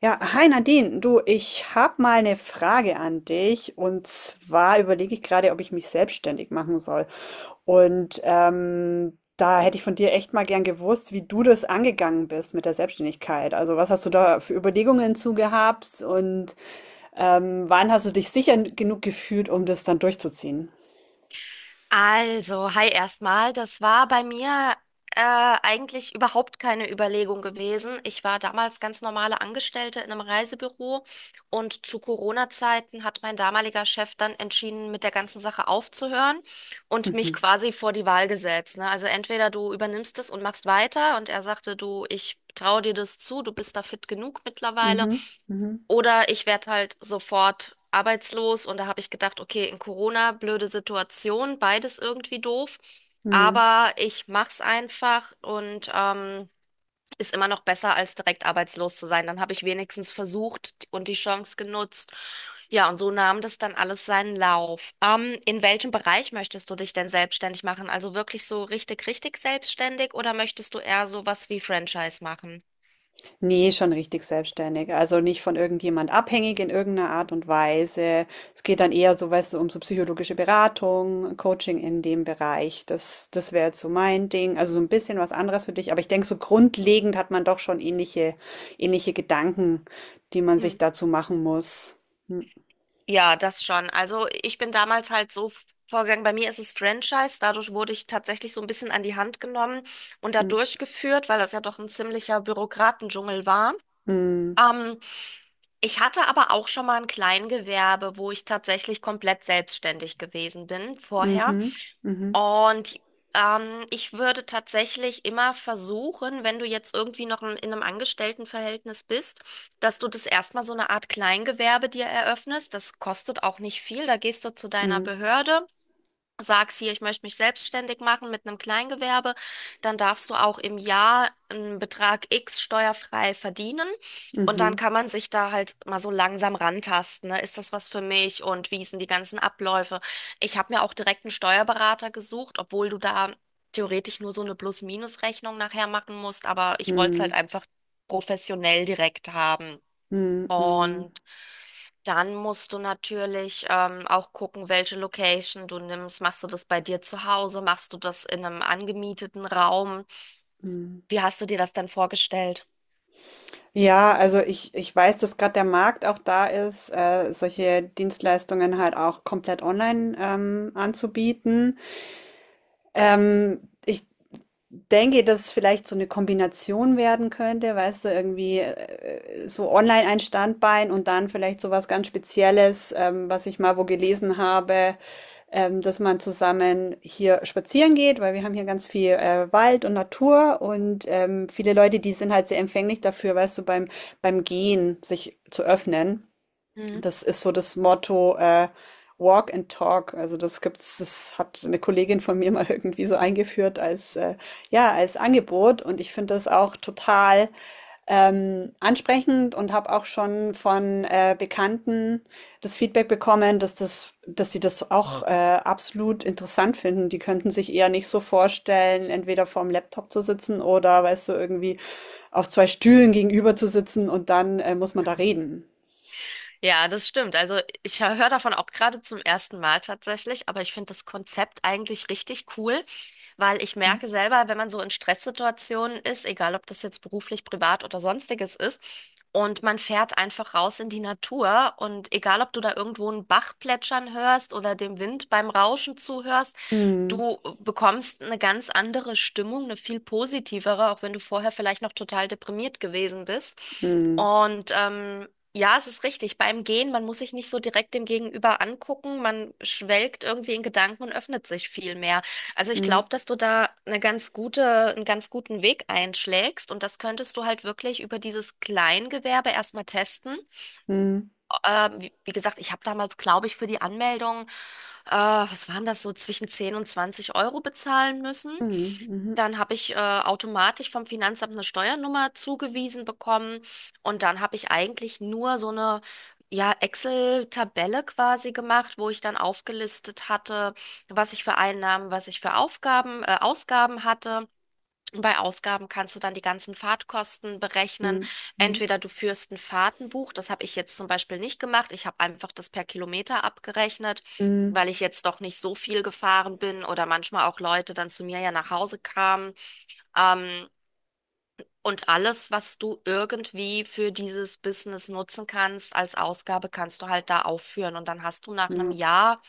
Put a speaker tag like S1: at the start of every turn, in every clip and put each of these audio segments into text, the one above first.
S1: Ja, hi Nadine, du, ich habe mal eine Frage an dich und zwar überlege ich gerade, ob ich mich selbstständig machen soll. Und da hätte ich von dir echt mal gern gewusst, wie du das angegangen bist mit der Selbstständigkeit. Also was hast du da für Überlegungen zu gehabt und wann hast du dich sicher genug gefühlt, um das dann durchzuziehen?
S2: Also, hi erstmal. Das war bei mir äh, eigentlich überhaupt keine Überlegung gewesen. Ich war damals ganz normale Angestellte in einem Reisebüro und zu Corona-Zeiten hat mein damaliger Chef dann entschieden, mit der ganzen Sache aufzuhören und mich
S1: Mhm.
S2: quasi vor die Wahl gesetzt. Ne? Also entweder du übernimmst es und machst weiter und er sagte, du, ich traue dir das zu, du bist da fit genug mittlerweile.
S1: Mhm. Mhm.
S2: Oder ich werde halt sofort arbeitslos und da habe ich gedacht, okay, in Corona, blöde Situation, beides irgendwie doof.
S1: Mhm.
S2: Aber ich mach's einfach und ist immer noch besser, als direkt arbeitslos zu sein. Dann habe ich wenigstens versucht und die Chance genutzt. Ja, und so nahm das dann alles seinen Lauf. In welchem Bereich möchtest du dich denn selbstständig machen? Also wirklich so richtig, richtig selbstständig oder möchtest du eher sowas wie Franchise machen?
S1: Nee, schon richtig selbstständig. Also nicht von irgendjemand abhängig in irgendeiner Art und Weise. Es geht dann eher so, weißt du, um so psychologische Beratung, Coaching in dem Bereich. Das wäre jetzt so mein Ding. Also so ein bisschen was anderes für dich. Aber ich denke, so grundlegend hat man doch schon ähnliche, ähnliche Gedanken, die man sich dazu machen muss. Hm,
S2: Ja, das schon. Also ich bin damals halt so vorgegangen. Bei mir ist es Franchise. Dadurch wurde ich tatsächlich so ein bisschen an die Hand genommen und da
S1: hm,
S2: durchgeführt, weil das ja doch ein ziemlicher Bürokratendschungel war.
S1: hm,
S2: Ähm, ich hatte aber auch schon mal ein Kleingewerbe, wo ich tatsächlich komplett selbstständig gewesen bin vorher.
S1: mhm, mhm,
S2: Und ich würde tatsächlich immer versuchen, wenn du jetzt irgendwie noch in einem Angestelltenverhältnis bist, dass du das erstmal so eine Art Kleingewerbe dir eröffnest. Das kostet auch nicht viel. Da gehst du zu deiner
S1: mhm,
S2: Behörde, sagst hier, ich möchte mich selbstständig machen mit einem Kleingewerbe, dann darfst du auch im Jahr einen Betrag X steuerfrei verdienen und dann
S1: mhm,
S2: kann man sich da halt mal so langsam rantasten, ne? Ist das was für mich und wie sind die ganzen Abläufe? Ich habe mir auch direkt einen Steuerberater gesucht, obwohl du da theoretisch nur so eine Plus-Minus-Rechnung nachher machen musst, aber ich wollte es halt
S1: mhm,
S2: einfach professionell direkt haben.
S1: mhm, mhm.
S2: Und dann musst du natürlich auch gucken, welche Location du nimmst. Machst du das bei dir zu Hause? Machst du das in einem angemieteten Raum?
S1: Mhm.
S2: Wie hast du dir das dann vorgestellt?
S1: Ja, also ich weiß, dass gerade der Markt auch da ist, solche Dienstleistungen halt auch komplett online anzubieten. Ähm, ich denke, dass es vielleicht so eine Kombination werden könnte, weißt du, irgendwie so online ein Standbein und dann vielleicht so was ganz Spezielles, was ich mal wo gelesen habe, dass man zusammen hier spazieren geht, weil wir haben hier ganz viel Wald und Natur und viele Leute, die sind halt sehr empfänglich dafür, weißt du, beim Gehen sich zu öffnen. Das ist so das Motto, Walk and Talk. Also das gibt's, das hat eine Kollegin von mir mal irgendwie so eingeführt als ja als Angebot und ich finde das auch total ansprechend und habe auch schon von Bekannten das Feedback bekommen, dass sie das auch absolut interessant finden. Die könnten sich eher nicht so vorstellen, entweder vorm Laptop zu sitzen oder weißt du irgendwie auf zwei Stühlen gegenüber zu sitzen und dann muss man da reden.
S2: Ja, das stimmt. Also ich höre davon auch gerade zum ersten Mal tatsächlich, aber ich finde das Konzept eigentlich richtig cool, weil ich merke selber, wenn man so in Stresssituationen ist, egal ob das jetzt beruflich, privat oder sonstiges ist, und man fährt einfach raus in die Natur und egal ob du da irgendwo einen Bach plätschern hörst oder dem Wind beim Rauschen zuhörst,
S1: Mhm.
S2: du bekommst eine ganz andere Stimmung, eine viel positivere, auch wenn du vorher vielleicht noch total deprimiert gewesen bist.
S1: Mhm.
S2: Und ja, es ist richtig. Beim Gehen, man muss sich nicht so direkt dem Gegenüber angucken. Man schwelgt irgendwie in Gedanken und öffnet sich viel mehr. Also ich glaube,
S1: Mhm.
S2: dass du da eine ganz gute, einen ganz guten Weg einschlägst und das könntest du halt wirklich über dieses Kleingewerbe erstmal testen.
S1: Mhm.
S2: Wie, wie gesagt, ich habe damals, glaube ich, für die Anmeldung, was waren das so, zwischen 10 und 20 Euro bezahlen müssen.
S1: Mhm.
S2: Dann habe ich automatisch vom Finanzamt eine Steuernummer zugewiesen bekommen und dann habe ich eigentlich nur so eine, ja, Excel-Tabelle quasi gemacht, wo ich dann aufgelistet hatte, was ich für Einnahmen, was ich für Ausgaben hatte. Bei Ausgaben kannst du dann die ganzen Fahrtkosten berechnen.
S1: Mhm.
S2: Entweder du führst ein Fahrtenbuch, das habe ich jetzt zum Beispiel nicht gemacht. Ich habe einfach das per Kilometer abgerechnet,
S1: Mhm.
S2: weil ich jetzt doch nicht so viel gefahren bin oder manchmal auch Leute dann zu mir ja nach Hause kamen. Ähm, und alles, was du irgendwie für dieses Business nutzen kannst, als Ausgabe, kannst du halt da aufführen. Und dann hast du nach
S1: Mhm. Mhm.
S2: einem
S1: Ja.
S2: Jahr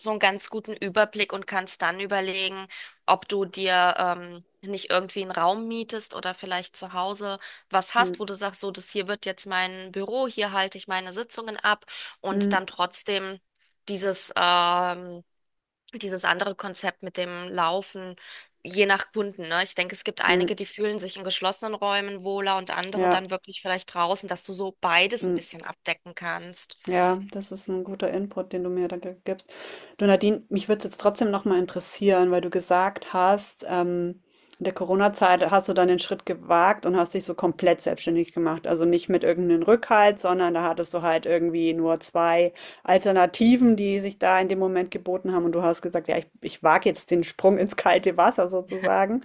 S2: so einen ganz guten Überblick und kannst dann überlegen, ob du dir nicht irgendwie einen Raum mietest oder vielleicht zu Hause was
S1: Mhm.
S2: hast, wo du sagst, so, das hier wird jetzt mein Büro, hier halte ich meine Sitzungen ab und
S1: Mhm.
S2: dann trotzdem dieses dieses andere Konzept mit dem Laufen, je nach Kunden, ne? Ich denke, es gibt
S1: Mhm.
S2: einige, die fühlen sich in geschlossenen Räumen wohler und andere
S1: Ja.
S2: dann wirklich vielleicht draußen, dass du so beides ein
S1: Mhm.
S2: bisschen abdecken kannst.
S1: Ja, das ist ein guter Input, den du mir da gibst. Du Nadine, mich würde es jetzt trotzdem nochmal interessieren, weil du gesagt hast, in der Corona-Zeit hast du dann den Schritt gewagt und hast dich so komplett selbstständig gemacht. Also nicht mit irgendeinem Rückhalt, sondern da hattest du halt irgendwie nur zwei Alternativen, die sich da in dem Moment geboten haben. Und du hast gesagt, ja, ich wage jetzt den Sprung ins kalte Wasser sozusagen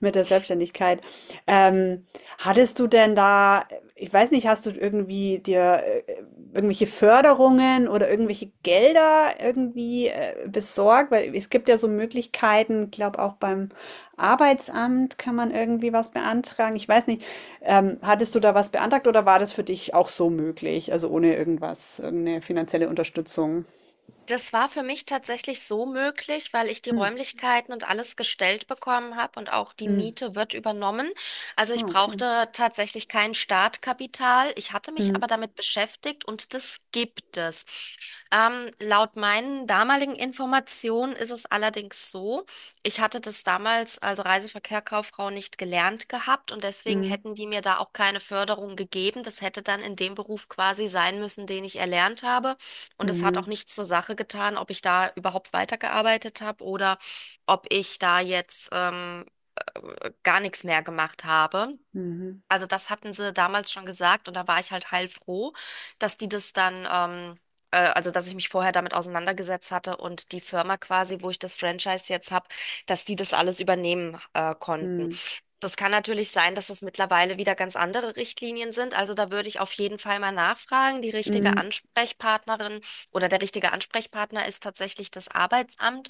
S1: mit der Selbstständigkeit. Ähm, Hattest du denn da, ich weiß nicht, hast du irgendwie dir irgendwelche Förderungen oder irgendwelche Gelder irgendwie besorgt? Weil es gibt ja so Möglichkeiten, ich glaube auch beim Arbeitsamt kann man irgendwie was beantragen. Ich weiß nicht, hattest du da was beantragt oder war das für dich auch so möglich? Also ohne irgendwas, irgendeine finanzielle Unterstützung?
S2: Das war für mich tatsächlich so möglich, weil ich die
S1: Hm,
S2: Räumlichkeiten und alles gestellt bekommen habe und auch die
S1: hm.
S2: Miete wird übernommen. Also
S1: Ah,
S2: ich
S1: okay.
S2: brauchte tatsächlich kein Startkapital. Ich hatte mich
S1: Hm,
S2: aber damit beschäftigt und das gibt es. Laut meinen damaligen Informationen ist es allerdings so, ich hatte das damals, also Reiseverkehr Kauffrau, nicht gelernt gehabt und deswegen
S1: hm,
S2: hätten die mir da auch keine Förderung gegeben. Das hätte dann in dem Beruf quasi sein müssen, den ich erlernt habe. Und es hat auch
S1: mhm,
S2: nichts zur Sache getan, ob ich da überhaupt weitergearbeitet habe oder ob ich da jetzt gar nichts mehr gemacht habe.
S1: mhm,
S2: Also das hatten sie damals schon gesagt und da war ich halt heilfroh, dass die das dann also dass ich mich vorher damit auseinandergesetzt hatte und die Firma quasi, wo ich das Franchise jetzt habe, dass die das alles übernehmen konnten.
S1: hm,
S2: Das kann natürlich sein, dass es mittlerweile wieder ganz andere Richtlinien sind. Also da würde ich auf jeden Fall mal nachfragen. Die richtige
S1: hm,
S2: Ansprechpartnerin oder der richtige Ansprechpartner ist tatsächlich das Arbeitsamt.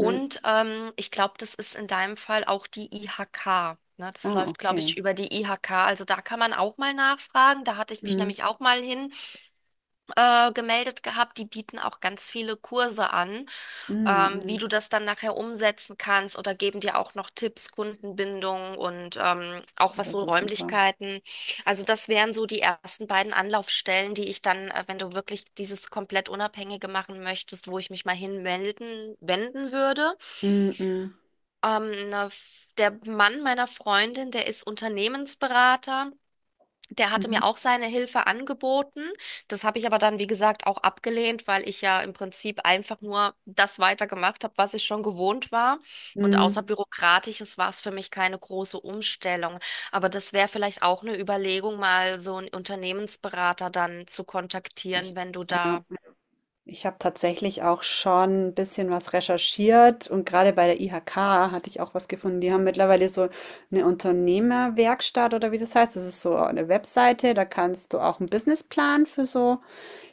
S1: hm.
S2: ich glaube, das ist in deinem Fall auch die IHK. Ne? Das
S1: Ah,
S2: läuft, glaube
S1: okay.
S2: ich, über die IHK. Also da kann man auch mal nachfragen. Da hatte ich mich
S1: Hm.
S2: nämlich auch mal hin gemeldet gehabt. Die bieten auch ganz viele Kurse an,
S1: Mhm,
S2: wie
S1: mhm.
S2: du das dann nachher umsetzen kannst oder geben dir auch noch Tipps, Kundenbindung und auch
S1: Oh,
S2: was
S1: das
S2: so
S1: ist super.
S2: Räumlichkeiten. Also das wären so die ersten beiden Anlaufstellen, die ich dann, wenn du wirklich dieses komplett Unabhängige machen möchtest, wo ich mich mal hinmelden, wenden würde.
S1: Mhm, mhm,
S2: Der Mann meiner Freundin, der ist Unternehmensberater. Der hatte
S1: mhm,
S2: mir auch seine Hilfe angeboten. Das habe ich aber dann, wie gesagt, auch abgelehnt, weil ich ja im Prinzip einfach nur das weitergemacht habe, was ich schon gewohnt war. Und außer
S1: mhm.
S2: Bürokratisches war es für mich keine große Umstellung. Aber das wäre vielleicht auch eine Überlegung, mal so einen Unternehmensberater dann zu kontaktieren,
S1: Ich,
S2: wenn du
S1: ja,
S2: da.
S1: ich habe tatsächlich auch schon ein bisschen was recherchiert und gerade bei der IHK hatte ich auch was gefunden. Die haben mittlerweile so eine Unternehmerwerkstatt oder wie das heißt. Das ist so eine Webseite, da kannst du auch einen Businessplan für so,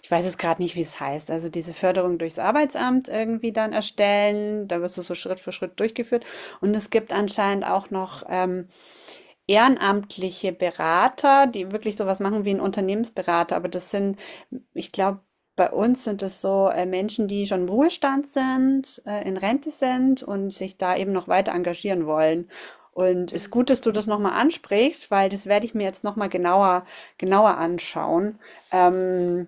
S1: ich weiß jetzt gerade nicht, wie es heißt, also diese Förderung durchs Arbeitsamt irgendwie dann erstellen. Da wirst du so Schritt für Schritt durchgeführt. Und es gibt anscheinend auch noch ehrenamtliche Berater, die wirklich sowas machen wie ein Unternehmensberater, aber das sind, ich glaube, bei uns sind es so Menschen, die schon im Ruhestand sind, in Rente sind und sich da eben noch weiter engagieren wollen. Und es ist gut, dass du das nochmal ansprichst, weil das werde ich mir jetzt nochmal genauer, genauer anschauen, ähm,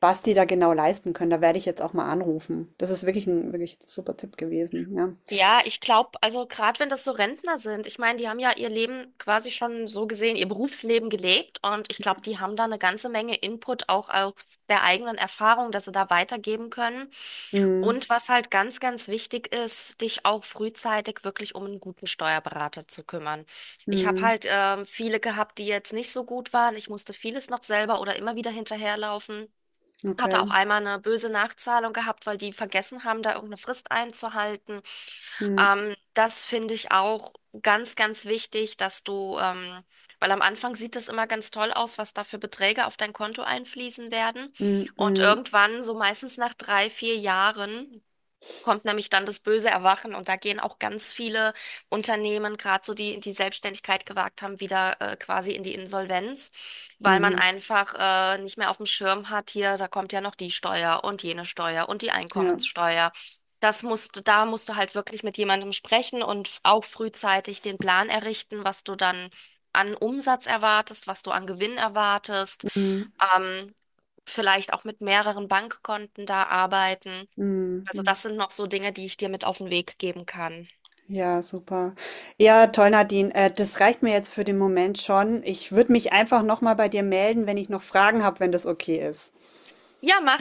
S1: was die da genau leisten können. Da werde ich jetzt auch mal anrufen. Das ist wirklich ein super Tipp gewesen, ja.
S2: Ja, ich glaube, also gerade wenn das so Rentner sind, ich meine, die haben ja ihr Leben quasi schon so gesehen, ihr Berufsleben gelebt und ich glaube, die haben da eine ganze Menge Input auch aus der eigenen Erfahrung, dass sie da weitergeben können.
S1: Mm,
S2: Und was halt ganz, ganz wichtig ist, dich auch frühzeitig wirklich um einen guten Steuerberater zu kümmern. Ich habe
S1: mm,
S2: halt viele gehabt, die jetzt nicht so gut waren. Ich musste vieles noch selber oder immer wieder hinterherlaufen. Hatte
S1: okay.
S2: auch einmal eine böse Nachzahlung gehabt, weil die vergessen haben, da irgendeine Frist einzuhalten.
S1: Mm,
S2: Das finde ich auch ganz, ganz wichtig, dass du, weil am Anfang sieht das immer ganz toll aus, was da für Beträge auf dein Konto einfließen werden.
S1: mm,
S2: Und
S1: mm.
S2: irgendwann, so meistens nach 3, 4 Jahren, kommt nämlich dann das böse Erwachen und da gehen auch ganz viele Unternehmen, gerade so die Selbstständigkeit gewagt haben, wieder quasi in die Insolvenz, weil man
S1: Mhm.
S2: einfach nicht mehr auf dem Schirm hat, hier, da kommt ja noch die Steuer und jene Steuer und die
S1: Ja.
S2: Einkommenssteuer. Das musst du, da musst du halt wirklich mit jemandem sprechen und auch frühzeitig den Plan errichten, was du dann an Umsatz erwartest, was du an Gewinn erwartest.
S1: Mhm.
S2: Ähm, vielleicht auch mit mehreren Bankkonten da arbeiten.
S1: Mhm.
S2: Also das
S1: Mhm.
S2: sind noch so Dinge, die ich dir mit auf den Weg geben kann.
S1: Ja, super. Ja, toll, Nadine. Das reicht mir jetzt für den Moment schon. Ich würde mich einfach nochmal bei dir melden, wenn ich noch Fragen habe, wenn das okay ist.
S2: Ja, mach